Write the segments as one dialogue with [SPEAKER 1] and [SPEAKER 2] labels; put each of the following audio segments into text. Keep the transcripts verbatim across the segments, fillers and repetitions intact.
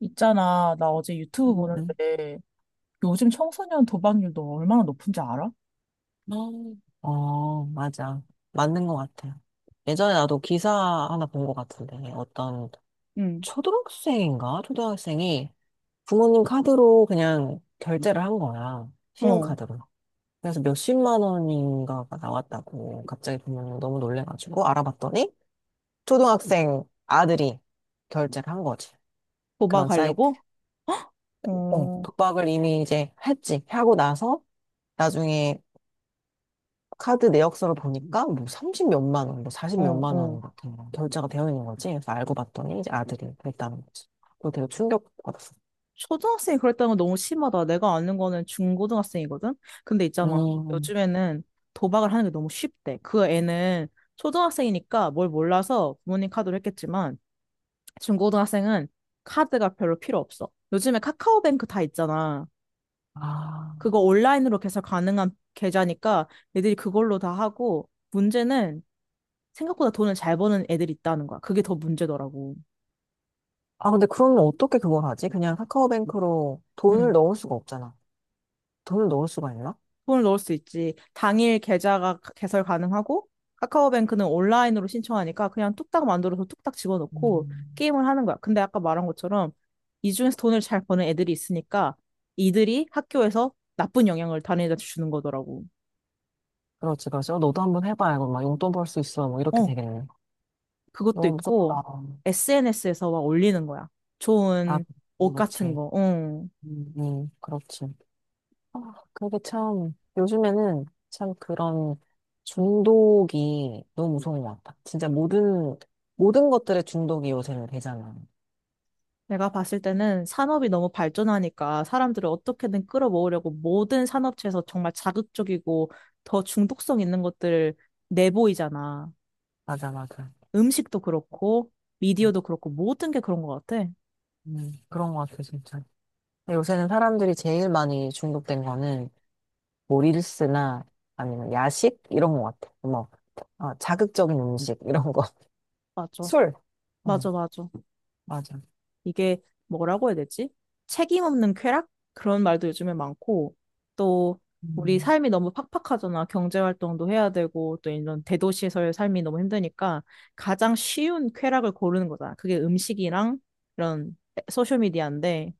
[SPEAKER 1] 있잖아, 나 어제 유튜브
[SPEAKER 2] 음. 음.
[SPEAKER 1] 보는데 요즘 청소년 도박률 너 얼마나 높은지 알아?
[SPEAKER 2] 어, 어, 맞아. 맞는 것 같아. 예전에 나도 기사 하나 본 것 같은데, 어떤
[SPEAKER 1] 응,
[SPEAKER 2] 초등학생인가? 초등학생이 부모님 카드로 그냥 결제를 한 거야.
[SPEAKER 1] 어,
[SPEAKER 2] 신용카드로. 그래서 몇십만 원인가가 나왔다고 갑자기 부모님 너무 놀래가지고 알아봤더니 초등학생 아들이 결제를 한 거지. 그런 사이트.
[SPEAKER 1] 도박하려고?
[SPEAKER 2] 어,
[SPEAKER 1] 어,
[SPEAKER 2] 독박을 이미 이제 했지. 하고 나서 나중에 카드 내역서를 보니까 뭐 삼십몇만 원, 뭐
[SPEAKER 1] 어,
[SPEAKER 2] 사십몇만
[SPEAKER 1] 어.
[SPEAKER 2] 원 같은 거 결제가 되어 있는 거지. 그래서 알고 봤더니 이제 아들이 그랬다는 거지. 그거 되게 충격받았어.
[SPEAKER 1] 초등학생이 그랬다는 건 너무 심하다. 내가 아는 거는 중고등학생이거든? 근데 있잖아.
[SPEAKER 2] 음.
[SPEAKER 1] 요즘에는 도박을 하는 게 너무 쉽대. 그 애는 초등학생이니까 뭘 몰라서 부모님 카드로 했겠지만, 중고등학생은 카드가 별로 필요 없어. 요즘에 카카오뱅크 다 있잖아.
[SPEAKER 2] 아.
[SPEAKER 1] 그거 온라인으로 개설 가능한 계좌니까 애들이 그걸로 다 하고 문제는 생각보다 돈을 잘 버는 애들이 있다는 거야. 그게 더 문제더라고.
[SPEAKER 2] 아, 근데 그러면 어떻게 그걸 하지? 그냥 카카오뱅크로 돈을
[SPEAKER 1] 응.
[SPEAKER 2] 넣을 수가 없잖아. 돈을 넣을 수가 있나?
[SPEAKER 1] 돈을 넣을 수 있지. 당일 계좌가 개설 가능하고 카카오뱅크는 온라인으로 신청하니까 그냥 뚝딱 만들어서 뚝딱 집어넣고
[SPEAKER 2] 음.
[SPEAKER 1] 게임을 하는 거야. 근데 아까 말한 것처럼 이 중에서 돈을 잘 버는 애들이 있으니까 이들이 학교에서 나쁜 영향을 다른 애들한테 주는 거더라고.
[SPEAKER 2] 그렇지, 그렇지. 어, 너도 한번 해봐. 이거 막 용돈 벌 수 있어. 뭐 이렇게
[SPEAKER 1] 어,
[SPEAKER 2] 되겠네.
[SPEAKER 1] 그것도
[SPEAKER 2] 너무 무섭다.
[SPEAKER 1] 있고 에스엔에스에서 막 올리는 거야.
[SPEAKER 2] 아,
[SPEAKER 1] 좋은 옷 같은
[SPEAKER 2] 그렇지.
[SPEAKER 1] 거. 응.
[SPEAKER 2] 음, 음, 그렇지. 아, 그게 참, 요즘에는 참 그런 중독이 너무 무서운 것 같아. 진짜 모든, 모든 것들의 중독이 요새는 되잖아.
[SPEAKER 1] 내가 봤을 때는 산업이 너무 발전하니까 사람들을 어떻게든 끌어모으려고 모든 산업체에서 정말 자극적이고 더 중독성 있는 것들을 내보이잖아.
[SPEAKER 2] 맞아, 맞아.
[SPEAKER 1] 음식도 그렇고 미디어도 그렇고 모든 게 그런 것 같아.
[SPEAKER 2] 음, 그런 것 같아, 진짜. 요새는 사람들이 제일 많이 중독된 거는 뭐 릴스나 아니면 야식? 이런 것 같아. 뭐, 아, 자극적인 음식, 이런 거.
[SPEAKER 1] 맞아.
[SPEAKER 2] 술. 응,
[SPEAKER 1] 맞아, 맞아.
[SPEAKER 2] 맞아.
[SPEAKER 1] 이게 뭐라고 해야 되지? 책임 없는 쾌락? 그런 말도 요즘에 많고, 또 우리
[SPEAKER 2] 음,
[SPEAKER 1] 삶이 너무 팍팍하잖아. 경제 활동도 해야 되고, 또 이런 대도시에서의 삶이 너무 힘드니까 가장 쉬운 쾌락을 고르는 거잖아. 그게 음식이랑 이런 소셜미디어인데,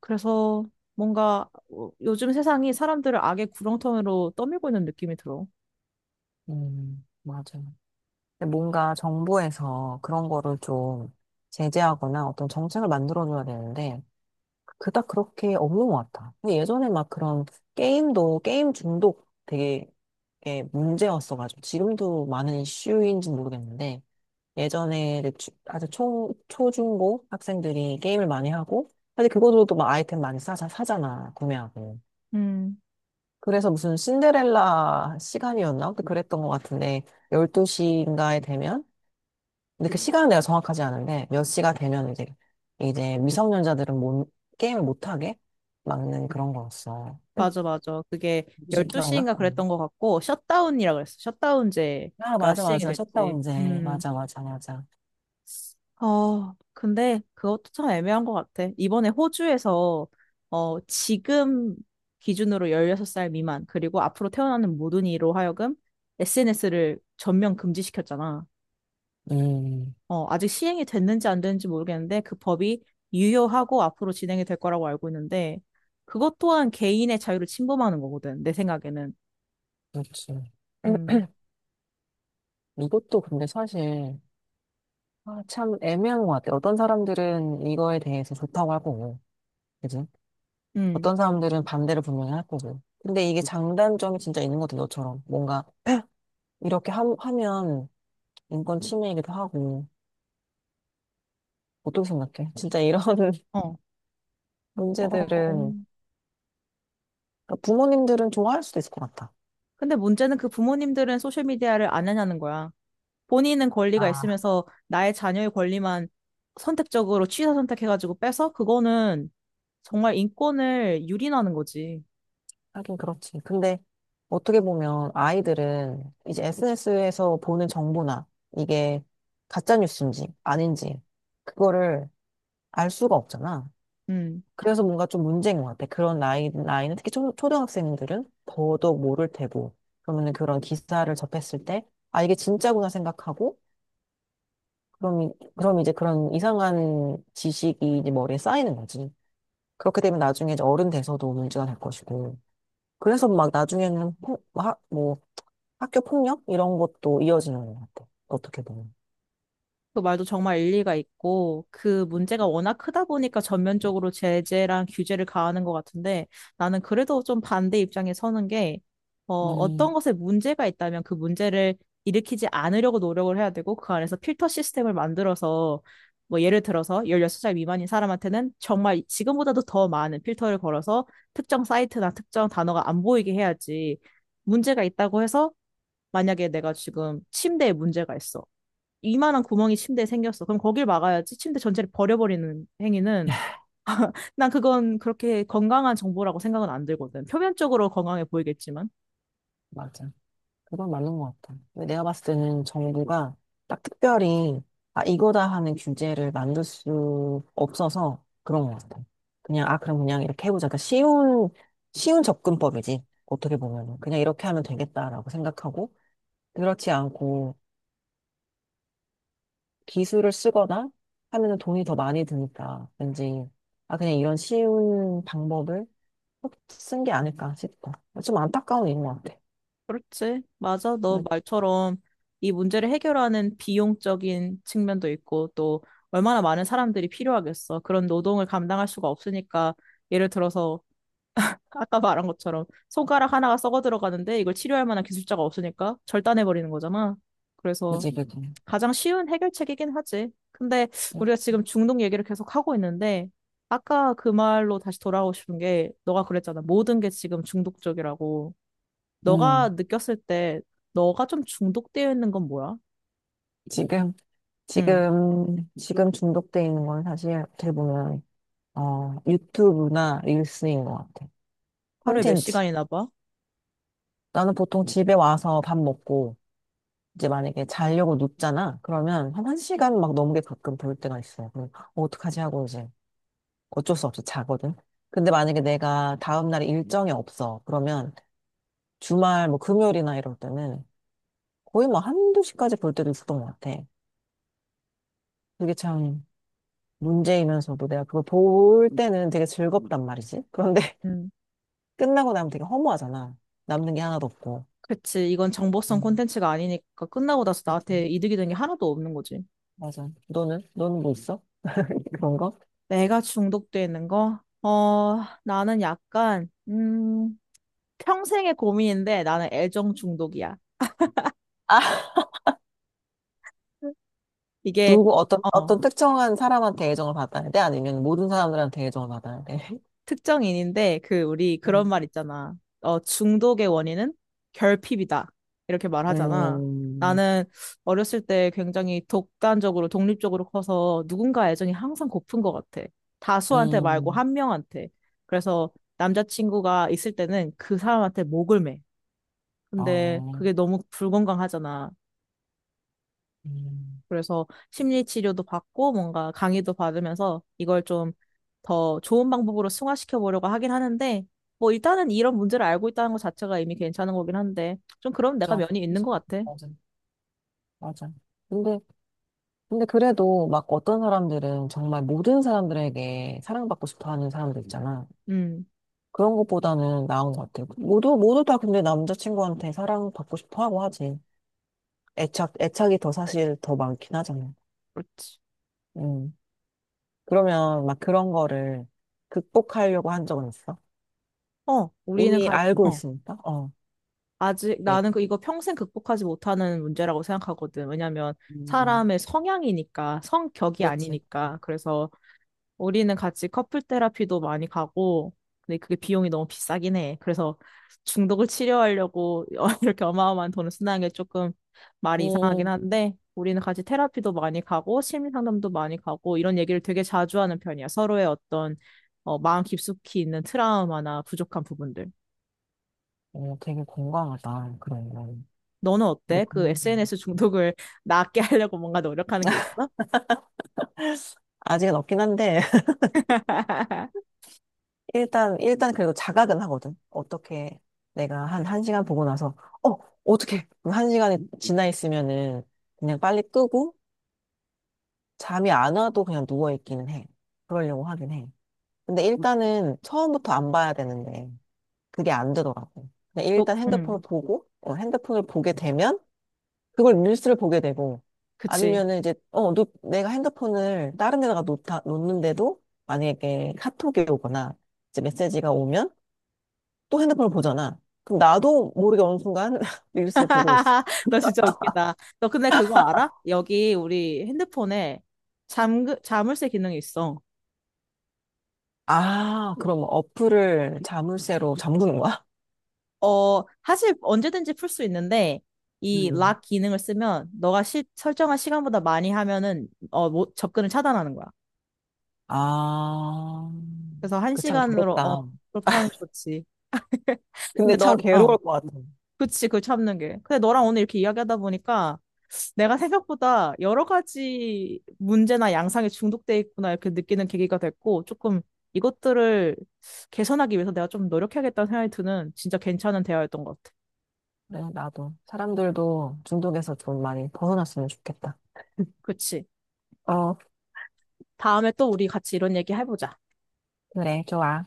[SPEAKER 1] 그래서 뭔가 어, 요즘 세상이 사람들을 악의 구렁텅이로 떠밀고 있는 느낌이 들어.
[SPEAKER 2] 음, 맞아. 근데 뭔가 정부에서 그런 거를 좀 제재하거나 어떤 정책을 만들어줘야 되는데, 그닥 그렇게 없는 것 같아. 근데 예전에 막 그런 게임도, 게임 중독 되게 예, 문제였어가지고, 지금도 많은 이슈인지 모르겠는데, 예전에 이제 주- 아주 초, 초중고 학생들이 게임을 많이 하고, 사실 그것으로도 막 아이템 많이 사, 사잖아, 구매하고.
[SPEAKER 1] 음.
[SPEAKER 2] 그래서 무슨 신데렐라 시간이었나? 그랬던 것 같은데, 열두 시인가에 되면, 근데 그 시간은 내가 정확하지 않은데 몇 시가 되면 이제 이제 미성년자들은 못, 게임을 못하게 막는 그런 거였어. 응.
[SPEAKER 1] 맞아, 맞아. 그게
[SPEAKER 2] 혹시 기억나?
[SPEAKER 1] 열두 시인가
[SPEAKER 2] 응.
[SPEAKER 1] 그랬던 것 같고, 셧다운이라 그랬어.
[SPEAKER 2] 아,
[SPEAKER 1] 셧다운제가
[SPEAKER 2] 맞아,
[SPEAKER 1] 시행이
[SPEAKER 2] 맞아,
[SPEAKER 1] 됐지.
[SPEAKER 2] 셧다운제,
[SPEAKER 1] 음.
[SPEAKER 2] 맞아, 맞아, 맞아.
[SPEAKER 1] 어, 근데 그것도 참 애매한 것 같아. 이번에 호주에서, 어, 지금 기준으로 열여섯 살 미만, 그리고 앞으로 태어나는 모든 이로 하여금 에스엔에스를 전면 금지시켰잖아.
[SPEAKER 2] 음,
[SPEAKER 1] 어, 아직 시행이 됐는지 안 됐는지 모르겠는데, 그 법이 유효하고 앞으로 진행이 될 거라고 알고 있는데, 그것 또한 개인의 자유를 침범하는 거거든, 내 생각에는.
[SPEAKER 2] 그렇지. 음,
[SPEAKER 1] 음.
[SPEAKER 2] 이것도 근데 사실 아, 참 애매한 것 같아. 어떤 사람들은 이거에 대해서 좋다고 할 거고, 그지?
[SPEAKER 1] 음.
[SPEAKER 2] 어떤 사람들은 반대를 분명히 할 거고. 근데 이게 장단점이 진짜 있는 것 같아, 너처럼. 뭔가 이렇게 함- 하면 인권 침해이기도 하고. 어떻게 생각해? 진짜 이런
[SPEAKER 1] 어, 어.
[SPEAKER 2] 문제들은 그러니까 부모님들은 좋아할 수도 있을 것 같아.
[SPEAKER 1] 근데 문제는 그 부모님들은 소셜미디어를 안 하냐는 거야. 본인은 권리가
[SPEAKER 2] 아,
[SPEAKER 1] 있으면서 나의 자녀의 권리만 선택적으로 취사 선택해가지고 빼서 그거는 정말 인권을 유린하는 거지.
[SPEAKER 2] 하긴 그렇지. 근데 어떻게 보면 아이들은 이제 에스엔에스에서 보는 정보나 이게 가짜 뉴스인지 아닌지 그거를 알 수가 없잖아.
[SPEAKER 1] 음.
[SPEAKER 2] 그래서 뭔가 좀 문제인 것 같아. 그런 나이, 나이는 특히 초, 초등학생들은 더더욱 모를 테고. 그러면 그런 기사를 접했을 때, 아, 이게 진짜구나 생각하고, 그럼, 이- 그럼 이제 그런 이상한 지식이 이제 머리에 쌓이는 거지. 그렇게 되면 나중에 이제 어른 돼서도 문제가 될 것이고. 그래서 막 나중에는 폭- 하- 뭐 학교 폭력 이런 것도 이어지는 것 같아. 어떻게 보면.
[SPEAKER 1] 그 말도 정말 일리가 있고, 그 문제가 워낙 크다 보니까 전면적으로 제재랑 규제를 가하는 것 같은데, 나는 그래도 좀 반대 입장에 서는 게, 어, 어떤
[SPEAKER 2] 음,
[SPEAKER 1] 것에 문제가 있다면 그 문제를 일으키지 않으려고 노력을 해야 되고, 그 안에서 필터 시스템을 만들어서, 뭐 예를 들어서 열여섯 살 미만인 사람한테는 정말 지금보다도 더 많은 필터를 걸어서 특정 사이트나 특정 단어가 안 보이게 해야지, 문제가 있다고 해서, 만약에 내가 지금 침대에 문제가 있어. 이만한 구멍이 침대에 생겼어. 그럼 거길 막아야지. 침대 전체를 버려버리는 행위는 난 그건 그렇게 건강한 정보라고 생각은 안 들거든. 표면적으로 건강해 보이겠지만.
[SPEAKER 2] 맞아. 그건 맞는 것 같아. 근데 내가 봤을 때는 정부가 딱 특별히, 아, 이거다 하는 규제를 만들 수 없어서 그런 것 같아. 그냥, 아, 그럼 그냥 이렇게 해보자. 그러니까 쉬운, 쉬운 접근법이지. 어떻게 보면 그냥 이렇게 하면 되겠다라고 생각하고, 그렇지 않고, 기술을 쓰거나 하면은 돈이 더 많이 드니까 왠지 아 그냥 이런 쉬운 방법을 쓴 게 아닐까 싶어. 좀 안타까운 일인 것 같아.
[SPEAKER 1] 그렇지. 맞아. 너
[SPEAKER 2] 그-
[SPEAKER 1] 말처럼 이 문제를 해결하는 비용적인 측면도 있고 또 얼마나 많은 사람들이 필요하겠어. 그런 노동을 감당할 수가 없으니까 예를 들어서 아까 말한 것처럼 손가락 하나가 썩어 들어가는데 이걸 치료할 만한 기술자가 없으니까 절단해 버리는 거잖아. 그래서
[SPEAKER 2] 그지, 그지.
[SPEAKER 1] 가장 쉬운 해결책이긴 하지. 근데 우리가 지금 중독 얘기를 계속 하고 있는데, 아까 그 말로 다시 돌아오고 싶은 게, 너가 그랬잖아. 모든 게 지금 중독적이라고. 너가
[SPEAKER 2] 음
[SPEAKER 1] 느꼈을 때, 너가 좀 중독되어 있는 건 뭐야?
[SPEAKER 2] 지금
[SPEAKER 1] 응.
[SPEAKER 2] 지금 지금 중독돼 있는 건 사실 어떻게 보면 어 유튜브나 릴스인 것 같아.
[SPEAKER 1] 하루에 몇
[SPEAKER 2] 콘텐츠.
[SPEAKER 1] 시간이나 봐?
[SPEAKER 2] 나는 보통 집에 와서 밥 먹고 이제 만약에 자려고 눕잖아. 그러면 한 1시간 막 넘게 가끔 볼 때가 있어. 그럼 어떡하지 하고 이제 어쩔 수 없이 자거든. 근데 만약에 내가 다음날 일정이 없어. 그러면 주말 뭐 금요일이나 이럴 때는 거의 뭐 한두 시까지 볼 때도 있었던 것 같아. 그게 참 문제이면서도 내가 그걸 볼 때는 되게 즐겁단 말이지. 그런데
[SPEAKER 1] 응.
[SPEAKER 2] 끝나고 나면 되게 허무하잖아. 남는 게 하나도 없고.
[SPEAKER 1] 그치. 이건 정보성
[SPEAKER 2] 음,
[SPEAKER 1] 콘텐츠가 아니니까 끝나고 나서 나한테
[SPEAKER 2] 그치.
[SPEAKER 1] 이득이 된 게 하나도 없는 거지.
[SPEAKER 2] 맞아. 너는? 너는 뭐 있어? 그런 거?
[SPEAKER 1] 내가 중독되어 있는 거? 어, 나는 약간, 음, 평생의 고민인데 나는 애정 중독이야.
[SPEAKER 2] 아,
[SPEAKER 1] 이게
[SPEAKER 2] 누구, 어떤,
[SPEAKER 1] 어
[SPEAKER 2] 어떤, 특정한 사람한테 애정을 받아야 돼? 아니면 모든 사람들한테 애정을 받아야 돼?
[SPEAKER 1] 특정인인데 그 우리 그런
[SPEAKER 2] 음,
[SPEAKER 1] 말 있잖아. 어, 중독의 원인은 결핍이다. 이렇게 말하잖아.
[SPEAKER 2] 음,
[SPEAKER 1] 나는 어렸을 때 굉장히 독단적으로 독립적으로 커서 누군가 애정이 항상 고픈 것 같아. 다수한테 말고
[SPEAKER 2] 음,
[SPEAKER 1] 한 명한테. 그래서 남자친구가 있을 때는 그 사람한테 목을 매. 근데
[SPEAKER 2] 아,
[SPEAKER 1] 그게 너무 불건강하잖아.
[SPEAKER 2] 음,
[SPEAKER 1] 그래서 심리 치료도 받고 뭔가 강의도 받으면서 이걸 좀 더 좋은 방법으로 승화시켜 보려고 하긴 하는데 뭐 일단은 이런 문제를 알고 있다는 것 자체가 이미 괜찮은 거긴 한데 좀 그럼
[SPEAKER 2] 그
[SPEAKER 1] 내가 면이 있는 것 같아.
[SPEAKER 2] 맞아, 맞아. 근데, 근데 그래도 막 어떤 사람들은 정말 모든 사람들에게 사랑받고 싶어 하는 사람들 있잖아.
[SPEAKER 1] 음,
[SPEAKER 2] 그런 것보다는 나은 것 같아. 모두, 모두 다 근데 남자친구한테 사랑받고 싶어 하고 하지. 애착, 애착이 더 사실 더 많긴 하잖아.
[SPEAKER 1] 그렇지.
[SPEAKER 2] 음. 그러면 막 그런 거를 극복하려고 한 적은 있어?
[SPEAKER 1] 어, 우리는
[SPEAKER 2] 이미
[SPEAKER 1] 가,
[SPEAKER 2] 알고
[SPEAKER 1] 어,
[SPEAKER 2] 있으니까? 어,
[SPEAKER 1] 아직
[SPEAKER 2] 예.
[SPEAKER 1] 나는 그 이거 평생 극복하지 못하는 문제라고 생각하거든. 왜냐면
[SPEAKER 2] 음,
[SPEAKER 1] 사람의 성향이니까 성격이
[SPEAKER 2] 그렇지.
[SPEAKER 1] 아니니까 그래서 우리는 같이 커플 테라피도 많이 가고, 근데 그게 비용이 너무 비싸긴 해. 그래서 중독을 치료하려고 이렇게 어마어마한 돈을 쓰는 게 조금 말이 이상하긴
[SPEAKER 2] 음,
[SPEAKER 1] 한데, 우리는 같이 테라피도 많이 가고, 심리 상담도 많이 가고, 이런 얘기를 되게 자주 하는 편이야. 서로의 어떤 어, 마음 깊숙이 있는 트라우마나 부족한 부분들.
[SPEAKER 2] 어, 되게 건강하다. 그런 건.
[SPEAKER 1] 너는
[SPEAKER 2] 그래,
[SPEAKER 1] 어때? 그
[SPEAKER 2] 겁니다.
[SPEAKER 1] 에스엔에스 중독을 낫게 하려고 뭔가 노력하는 게 있어?
[SPEAKER 2] 아직은 없긴 한데, 일단, 일단 그래도 자각은 하거든. 어떻게 내가 한, 한 시간 보고 나서, 어, 어떻게, 한 시간이 지나 있으면은 그냥 빨리 끄고, 잠이 안 와도 그냥 누워있기는 해. 그러려고 하긴 해. 근데 일단은 처음부터 안 봐야 되는데, 그게 안 되더라고. 그냥
[SPEAKER 1] 또,
[SPEAKER 2] 일단
[SPEAKER 1] 음,
[SPEAKER 2] 핸드폰을 보고, 어, 핸드폰을 보게 되면, 그걸 릴스를 보게 되고,
[SPEAKER 1] 그치.
[SPEAKER 2] 아니면은 이제, 어, 노, 내가 핸드폰을 다른 데다가 놓다, 놓는데도, 만약에 카톡이 오거나, 이제 메시지가 오면, 또 핸드폰을 보잖아. 그럼 나도 모르게 어느 순간 릴스를 보고 있어.
[SPEAKER 1] 너 진짜 웃기다. 너 근데 그거 알아? 여기 우리 핸드폰에 잠, 자물쇠 기능이 있어.
[SPEAKER 2] 아, 그럼 어플을 자물쇠로 잠그는 거야?
[SPEAKER 1] 어, 사실 언제든지 풀 수 있는데, 이
[SPEAKER 2] 음.
[SPEAKER 1] 락 기능을 쓰면 너가 시, 설정한 시간보다 많이 하면은 어, 뭐, 접근을 차단하는 거야.
[SPEAKER 2] 아,
[SPEAKER 1] 그래서 한
[SPEAKER 2] 그 참
[SPEAKER 1] 시간으로 어,
[SPEAKER 2] 괴롭다.
[SPEAKER 1] 그렇게 하면 좋지.
[SPEAKER 2] 근데
[SPEAKER 1] 근데 너,
[SPEAKER 2] 참
[SPEAKER 1] 어,
[SPEAKER 2] 괴로울 것 같아.
[SPEAKER 1] 그치, 그 참는 게. 근데 너랑 오늘 이렇게 이야기하다 보니까 내가 생각보다 여러 가지 문제나 양상에 중독돼 있구나 이렇게 느끼는 계기가 됐고 조금 이것들을 개선하기 위해서 내가 좀 노력해야겠다는 생각이 드는 진짜 괜찮은 대화였던 것 같아.
[SPEAKER 2] 그래, 나도. 사람들도 중독에서 좀 많이 벗어났으면 좋겠다.
[SPEAKER 1] 그치.
[SPEAKER 2] 어,
[SPEAKER 1] 다음에 또 우리 같이 이런 얘기 해보자.
[SPEAKER 2] 그래, 좋아.